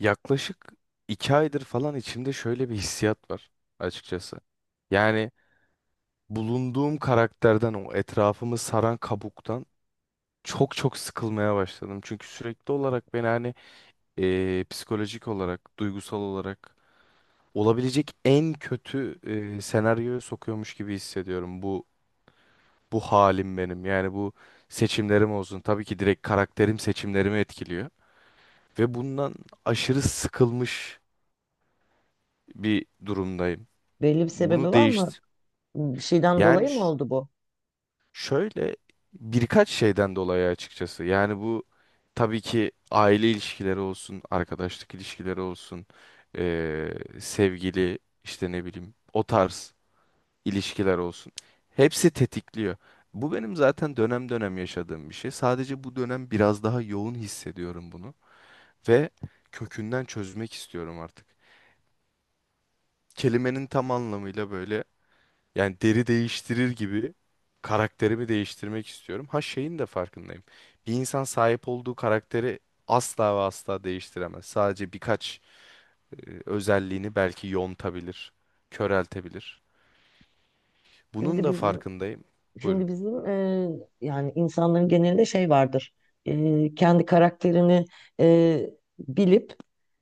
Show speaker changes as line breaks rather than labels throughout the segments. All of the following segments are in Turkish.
Yaklaşık iki aydır falan içimde şöyle bir hissiyat var açıkçası. Yani bulunduğum karakterden o etrafımı saran kabuktan çok çok sıkılmaya başladım. Çünkü sürekli olarak beni hani psikolojik olarak, duygusal olarak olabilecek en kötü senaryoya sokuyormuş gibi hissediyorum bu halim benim. Yani bu seçimlerim olsun. Tabii ki direkt karakterim seçimlerimi etkiliyor ve bundan aşırı sıkılmış bir durumdayım.
Belli bir
Bunu
sebebi var mı?
değiştir.
Bir şeyden
Yani
dolayı mı oldu bu?
şöyle birkaç şeyden dolayı açıkçası. Yani bu tabii ki aile ilişkileri olsun, arkadaşlık ilişkileri olsun, sevgili işte ne bileyim o tarz ilişkiler olsun. Hepsi tetikliyor. Bu benim zaten dönem dönem yaşadığım bir şey. Sadece bu dönem biraz daha yoğun hissediyorum bunu ve kökünden çözmek istiyorum artık. Kelimenin tam anlamıyla böyle, yani deri değiştirir gibi karakterimi değiştirmek istiyorum. Ha şeyin de farkındayım. Bir insan sahip olduğu karakteri asla ve asla değiştiremez. Sadece birkaç e, özelliğini belki yontabilir, köreltebilir. Bunun
Şimdi
da
bizim
farkındayım. Buyurun.
şimdi bizim yani insanların genelinde şey vardır. Kendi karakterini e, bilip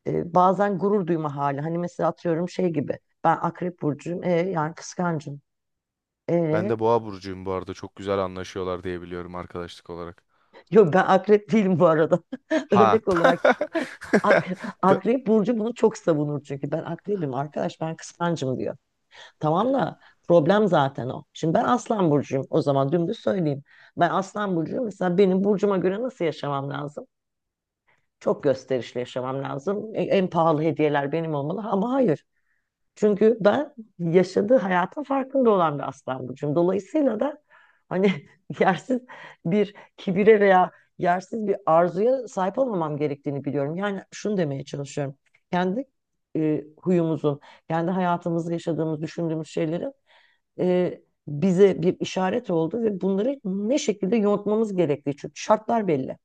bazen gurur duyma hali. Hani mesela atıyorum şey gibi. Ben Akrep burcuyum. Yani kıskancım.
Ben
E,
de Boğa burcuyum bu arada. Çok güzel anlaşıyorlar diye biliyorum arkadaşlık olarak.
Yok, ben Akrep değilim bu arada.
Ha.
Örnek olarak Akrep burcu bunu çok savunur çünkü ben Akrebim arkadaş ben kıskancım diyor. Tamam da problem zaten o. Şimdi ben Aslan burcuyum. O zaman dümdüz söyleyeyim. Ben Aslan burcuyum. Mesela benim burcuma göre nasıl yaşamam lazım? Çok gösterişli yaşamam lazım. En pahalı hediyeler benim olmalı ama hayır. Çünkü ben yaşadığı hayatın farkında olan bir Aslan burcuyum. Dolayısıyla da hani yersiz bir kibire veya yersiz bir arzuya sahip olmamam gerektiğini biliyorum. Yani şunu demeye çalışıyorum. Kendi huyumuzun, kendi hayatımızda yaşadığımız, düşündüğümüz şeyleri e, bize bir işaret oldu ve bunları ne şekilde yontmamız gerektiği. Çünkü şartlar belli.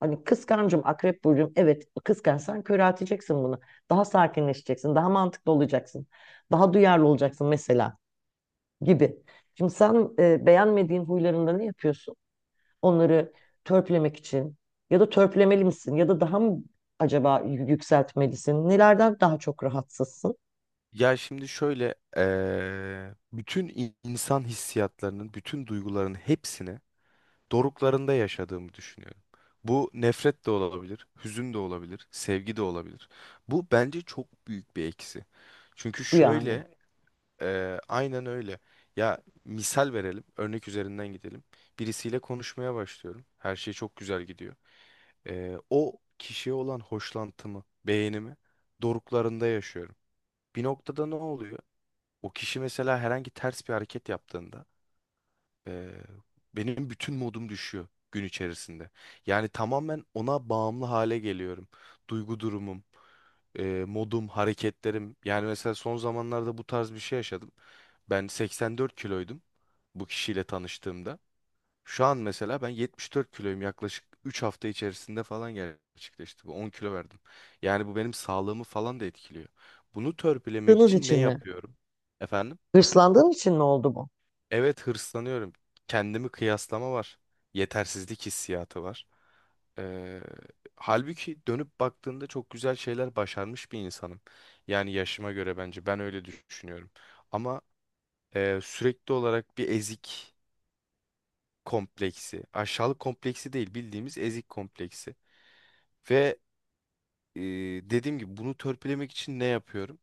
Hani kıskancım, akrep burcum. Evet, kıskançsan köre atacaksın bunu. Daha sakinleşeceksin, daha mantıklı olacaksın. Daha duyarlı olacaksın mesela gibi. Şimdi sen beğenmediğin huylarında ne yapıyorsun? Onları törpülemek için ya da törpülemeli misin ya da daha mı acaba yükseltmelisin? Nelerden daha çok rahatsızsın?
Ya şimdi şöyle, bütün insan hissiyatlarının, bütün duyguların hepsini doruklarında yaşadığımı düşünüyorum. Bu nefret de olabilir, hüzün de olabilir, sevgi de olabilir. Bu bence çok büyük bir eksi. Çünkü
Bu yani.
şöyle, aynen öyle. Ya misal verelim, örnek üzerinden gidelim. Birisiyle konuşmaya başlıyorum. Her şey çok güzel gidiyor. E, o kişiye olan hoşlantımı, beğenimi doruklarında yaşıyorum. Bir noktada ne oluyor? O kişi mesela herhangi ters bir hareket yaptığında ee, benim bütün modum düşüyor gün içerisinde. Yani tamamen ona bağımlı hale geliyorum. Duygu durumum, modum, hareketlerim. Yani mesela son zamanlarda bu tarz bir şey yaşadım. Ben 84 kiloydum bu kişiyle tanıştığımda. Şu an mesela ben 74 kiloyum, yaklaşık 3 hafta içerisinde falan gerçekleşti. Bu 10 kilo verdim. Yani bu benim sağlığımı falan da etkiliyor. Bunu törpülemek
Hırslandığınız
için ne
için mi?
yapıyorum? Efendim?
Hırslandığın için mi oldu bu?
Evet, hırslanıyorum. Kendimi kıyaslama var. Yetersizlik hissiyatı var. Ee, Halbuki dönüp baktığında çok güzel şeyler başarmış bir insanım. Yani yaşıma göre, bence ben öyle düşünüyorum. Ama sürekli olarak bir ezik kompleksi, aşağılık kompleksi değil, bildiğimiz ezik kompleksi. Ve e, dediğim gibi bunu törpülemek için ne yapıyorum?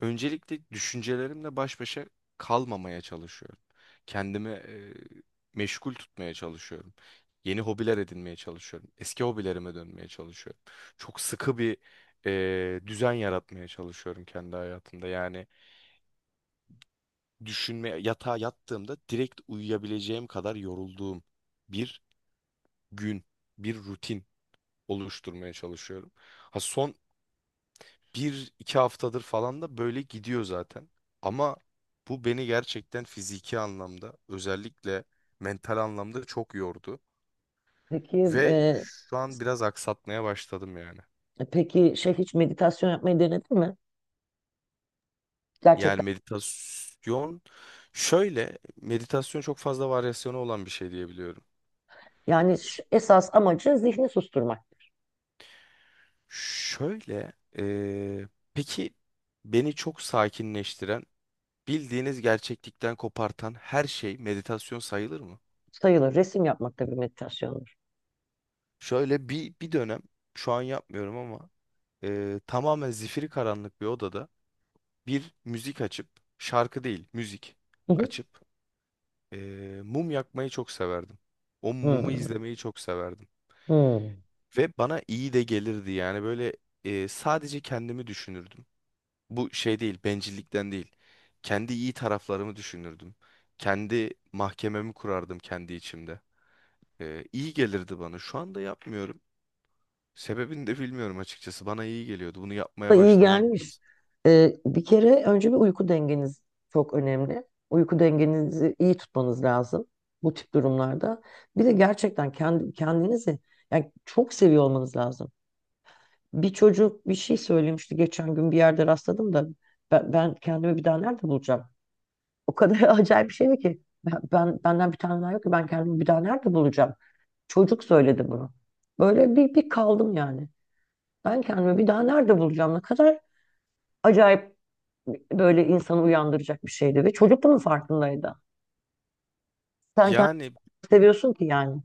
Öncelikle düşüncelerimle baş başa kalmamaya çalışıyorum. Kendimi meşgul tutmaya çalışıyorum. Yeni hobiler edinmeye çalışıyorum. Eski hobilerime dönmeye çalışıyorum. Çok sıkı bir düzen yaratmaya çalışıyorum kendi hayatımda. Yani düşünme, yatağa yattığımda direkt uyuyabileceğim kadar yorulduğum bir gün, bir rutin oluşturmaya çalışıyorum. Ha, son bir iki haftadır falan da böyle gidiyor zaten. Ama bu beni gerçekten fiziki anlamda, özellikle mental anlamda çok yordu.
Peki
Ve
e,
şu an biraz aksatmaya başladım yani.
peki, şey, hiç meditasyon yapmayı denedin mi?
Yani
Gerçekten.
meditasyon, şöyle, meditasyon çok fazla varyasyonu olan bir şey diyebiliyorum.
Yani esas amacı zihni susturmak.
Şöyle peki, beni çok sakinleştiren, bildiğiniz gerçeklikten kopartan her şey meditasyon sayılır mı?
Sayılır. Resim yapmak da bir meditasyondur.
Şöyle bir dönem, şu an yapmıyorum ama tamamen zifiri karanlık bir odada bir müzik açıp, şarkı değil müzik
Hı hı.
açıp, e, mum yakmayı çok severdim. O mumu
Hmm.
izlemeyi çok severdim.
Hmm.
Ve bana iyi de gelirdi, yani böyle sadece kendimi düşünürdüm. Bu şey değil, bencillikten değil. Kendi iyi taraflarımı düşünürdüm. Kendi mahkememi kurardım kendi içimde. E, iyi gelirdi bana. Şu anda yapmıyorum. Sebebini de bilmiyorum açıkçası. Bana iyi geliyordu. Bunu
Da
yapmaya
iyi
başlamam
gelmiş.
lazım.
Bir kere önce bir uyku dengeniz çok önemli. Uyku dengenizi iyi tutmanız lazım bu tip durumlarda. Bir de gerçekten kendinizi yani çok seviyor olmanız lazım. Bir çocuk bir şey söylemişti geçen gün bir yerde rastladım da ben kendimi bir daha nerede bulacağım? O kadar acayip bir şeydi ki. Benden bir tane daha yok ki ben kendimi bir daha nerede bulacağım? Çocuk söyledi bunu. Böyle bir kaldım yani. Ben kendimi bir daha nerede bulacağım? Ne kadar acayip, böyle insanı uyandıracak bir şeydi. Ve çocuk bunun farkındaydı. Sen kendini
Yani
seviyorsun ki yani.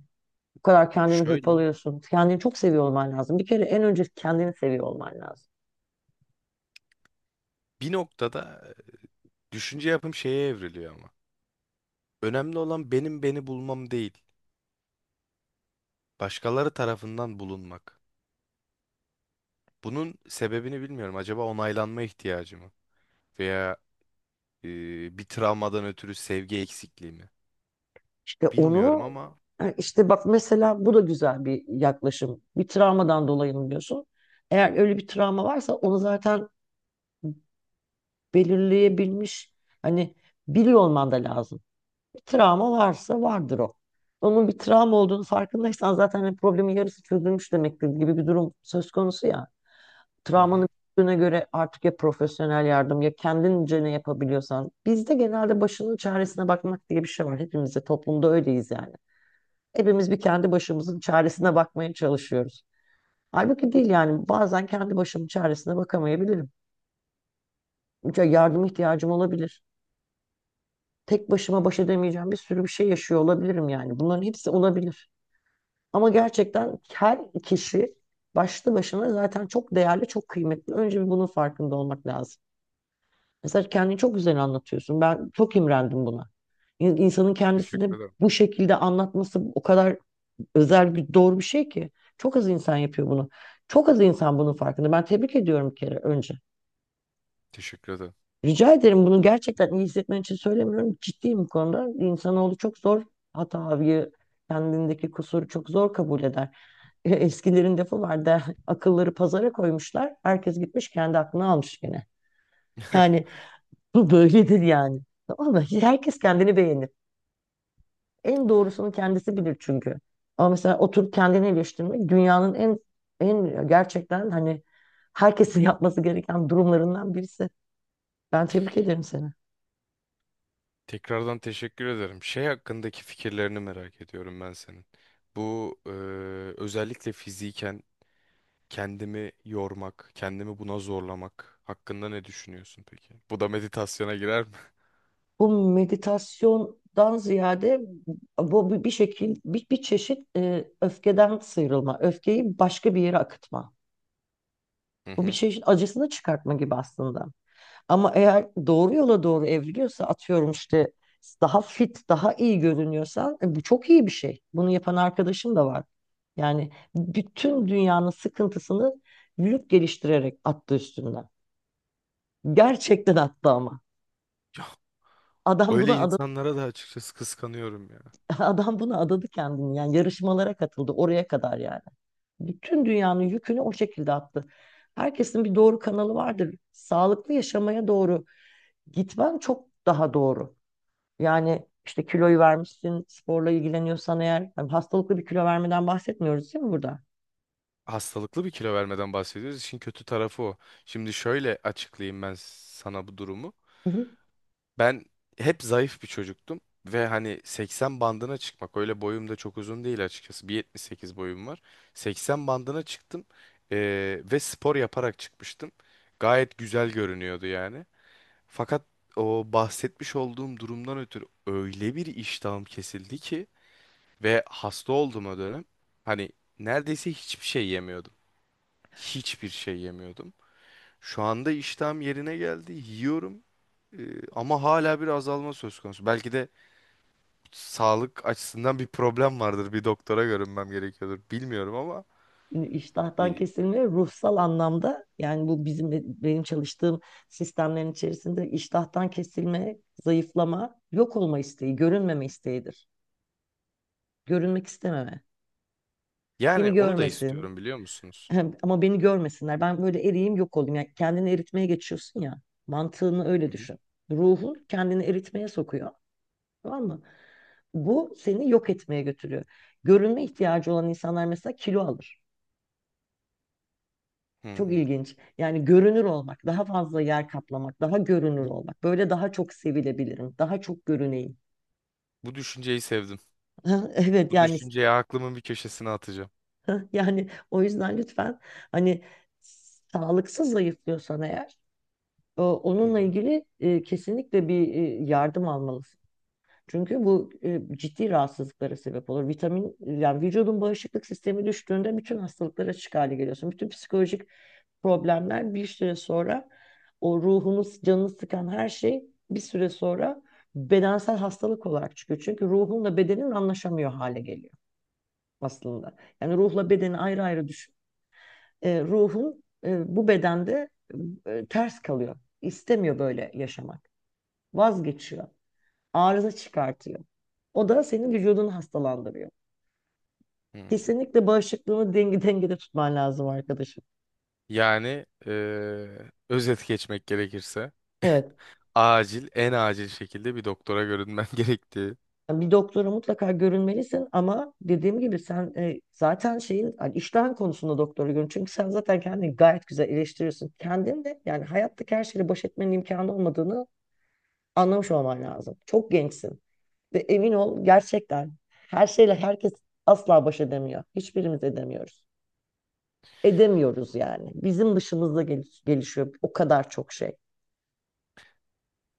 Bu kadar kendini
şöyle,
hırpalıyorsun. Kendini çok seviyor olman lazım. Bir kere en önce kendini seviyor olman lazım.
bir noktada düşünce yapım şeye evriliyor ama. Önemli olan benim beni bulmam değil. Başkaları tarafından bulunmak. Bunun sebebini bilmiyorum. Acaba onaylanma ihtiyacı mı? Veya bir travmadan ötürü sevgi eksikliği mi?
İşte
Bilmiyorum
onu,
ama.
yani işte bak mesela bu da güzel bir yaklaşım. Bir travmadan dolayı mı diyorsun? Eğer öyle bir travma varsa onu zaten belirleyebilmiş hani biliyor olman da lazım. Bir travma varsa vardır o. Onun bir travma olduğunu farkındaysan zaten hani problemin yarısı çözülmüş demektir gibi bir durum söz konusu ya.
Hı
Travmanın
hı.
büyüklüğüne göre artık ya profesyonel yardım ya kendince ne yapabiliyorsan. Bizde genelde başının çaresine bakmak diye bir şey var. Hepimiz de toplumda öyleyiz yani. Hepimiz bir kendi başımızın çaresine bakmaya çalışıyoruz. Halbuki değil yani, bazen kendi başımın çaresine bakamayabilirim. Ya, yardım ihtiyacım olabilir. Tek başıma baş edemeyeceğim bir sürü bir şey yaşıyor olabilirim yani. Bunların hepsi olabilir. Ama gerçekten her kişi başlı başına zaten çok değerli, çok kıymetli. Önce bir bunun farkında olmak lazım. Mesela kendini çok güzel anlatıyorsun. Ben çok imrendim buna. İnsanın
Teşekkür
kendisini
ederim.
bu şekilde anlatması o kadar özel bir doğru bir şey ki. Çok az insan yapıyor bunu. Çok az insan bunun farkında. Ben tebrik ediyorum bir kere önce.
Teşekkür ederim.
Rica ederim, bunu gerçekten iyi hissetmen için söylemiyorum. Ciddiyim bu konuda. İnsanoğlu çok zor hatayı, kendindeki kusuru çok zor kabul eder. Eskilerin lafı vardı. Akılları pazara koymuşlar. Herkes gitmiş kendi aklını almış gene. Yani bu böyledir yani. Tamam mı? Herkes kendini beğenir. En doğrusunu kendisi bilir çünkü. Ama mesela oturup kendini eleştirmek dünyanın en gerçekten hani herkesin yapması gereken durumlarından birisi. Ben tebrik ederim seni.
Tekrardan teşekkür ederim. Şey hakkındaki fikirlerini merak ediyorum ben senin. Bu özellikle fiziken kendimi yormak, kendimi buna zorlamak hakkında ne düşünüyorsun peki? Bu da meditasyona girer mi?
Bu meditasyondan ziyade bu bir şekil, bir çeşit öfkeden sıyrılma, öfkeyi başka bir yere akıtma.
Hı
Bu bir
hı.
çeşit acısını çıkartma gibi aslında. Ama eğer doğru yola doğru evriliyorsa, atıyorum işte daha fit, daha iyi görünüyorsan bu çok iyi bir şey. Bunu yapan arkadaşım da var. Yani bütün dünyanın sıkıntısını vücut geliştirerek attı üstünden. Gerçekten attı ama. Adam
Öyle
buna ada
insanlara da açıkçası kıskanıyorum ya.
Adam buna adadı kendini, yani yarışmalara katıldı, oraya kadar yani. Bütün dünyanın yükünü o şekilde attı. Herkesin bir doğru kanalı vardır. Sağlıklı yaşamaya doğru gitmen çok daha doğru. Yani işte kiloyu vermişsin, sporla ilgileniyorsan eğer, yani hastalıklı bir kilo vermeden bahsetmiyoruz değil mi burada?
Hastalıklı bir kilo vermeden bahsediyoruz. İşin kötü tarafı o. Şimdi şöyle açıklayayım ben sana bu durumu.
Hı hı.
Ben hep zayıf bir çocuktum ve hani 80 bandına çıkmak, öyle boyum da çok uzun değil açıkçası. 1.78 boyum var. 80 bandına çıktım, ve spor yaparak çıkmıştım. Gayet güzel görünüyordu yani. Fakat o bahsetmiş olduğum durumdan ötürü öyle bir iştahım kesildi ki ve hasta oldum o dönem. Hani neredeyse hiçbir şey yemiyordum. Hiçbir şey yemiyordum. Şu anda iştahım yerine geldi. Yiyorum. Ama hala bir azalma söz konusu. Belki de sağlık açısından bir problem vardır. Bir doktora görünmem gerekiyordur. Bilmiyorum ama
Yani İştahtan
e,
kesilme ruhsal anlamda, yani bu benim çalıştığım sistemlerin içerisinde iştahtan kesilme, zayıflama, yok olma isteği, görünmeme isteğidir. Görünmek istememe. Beni
yani onu da
görmesin.
istiyorum, biliyor musunuz?
Ama beni görmesinler. Ben böyle eriyim, yok olayım. Yani kendini eritmeye geçiyorsun ya. Mantığını öyle
Hı hı.
düşün. Ruhun kendini eritmeye sokuyor. Tamam mı? Bu seni yok etmeye götürüyor. Görünme ihtiyacı olan insanlar mesela kilo alır.
Hı
Çok
hı.
ilginç. Yani görünür olmak, daha fazla yer kaplamak, daha görünür
Bu,
olmak. Böyle daha çok sevilebilirim, daha çok görüneyim.
bu düşünceyi sevdim.
Evet
Bu
yani.
düşünceyi aklımın bir köşesine atacağım.
Yani o yüzden lütfen hani sağlıksız zayıflıyorsan eğer,
Hı
onunla
hı.
ilgili kesinlikle bir yardım almalısın. Çünkü bu ciddi rahatsızlıklara sebep olur. Vitamin, yani vücudun bağışıklık sistemi düştüğünde bütün hastalıklara açık hale geliyorsun. Bütün psikolojik problemler bir süre sonra, o ruhunu, canını sıkan her şey bir süre sonra bedensel hastalık olarak çıkıyor. Çünkü ruhunla bedenin anlaşamıyor hale geliyor aslında. Yani ruhla bedeni ayrı ayrı düşün. Ruhun bu bedende ters kalıyor. İstemiyor böyle yaşamak, vazgeçiyor. Arıza çıkartıyor. O da senin vücudunu hastalandırıyor.
Hı.
Kesinlikle bağışıklığını dengede tutman lazım arkadaşım.
Yani özet geçmek gerekirse
Evet.
acil, en acil şekilde bir doktora görünmem gerektiği.
Yani bir doktora mutlaka görünmelisin, ama dediğim gibi sen zaten şeyin, hani iştahın konusunda doktora görün. Çünkü sen zaten kendini gayet güzel eleştiriyorsun. Kendin de yani hayattaki her şeyle baş etmenin imkanı olmadığını anlamış olman lazım. Çok gençsin ve emin ol gerçekten her şeyle herkes asla baş edemiyor. Hiçbirimiz edemiyoruz. Edemiyoruz yani. Bizim dışımızda gelişiyor o kadar çok şey.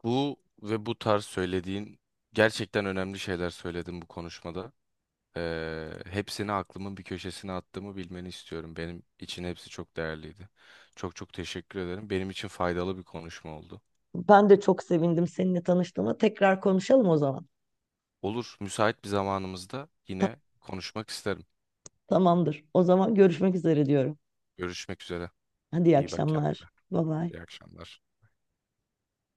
Bu ve bu tarz söylediğin gerçekten önemli şeyler söyledin bu konuşmada. Hepsini aklımın bir köşesine attığımı bilmeni istiyorum. Benim için hepsi çok değerliydi. Çok çok teşekkür ederim. Benim için faydalı bir konuşma oldu.
Ben de çok sevindim seninle tanıştığıma. Tekrar konuşalım o zaman.
Olur, müsait bir zamanımızda
Ta-
yine konuşmak isterim.
Tamamdır. O zaman görüşmek üzere diyorum.
Görüşmek üzere.
Hadi iyi
İyi bak
akşamlar.
kendine.
Bye bye.
İyi akşamlar.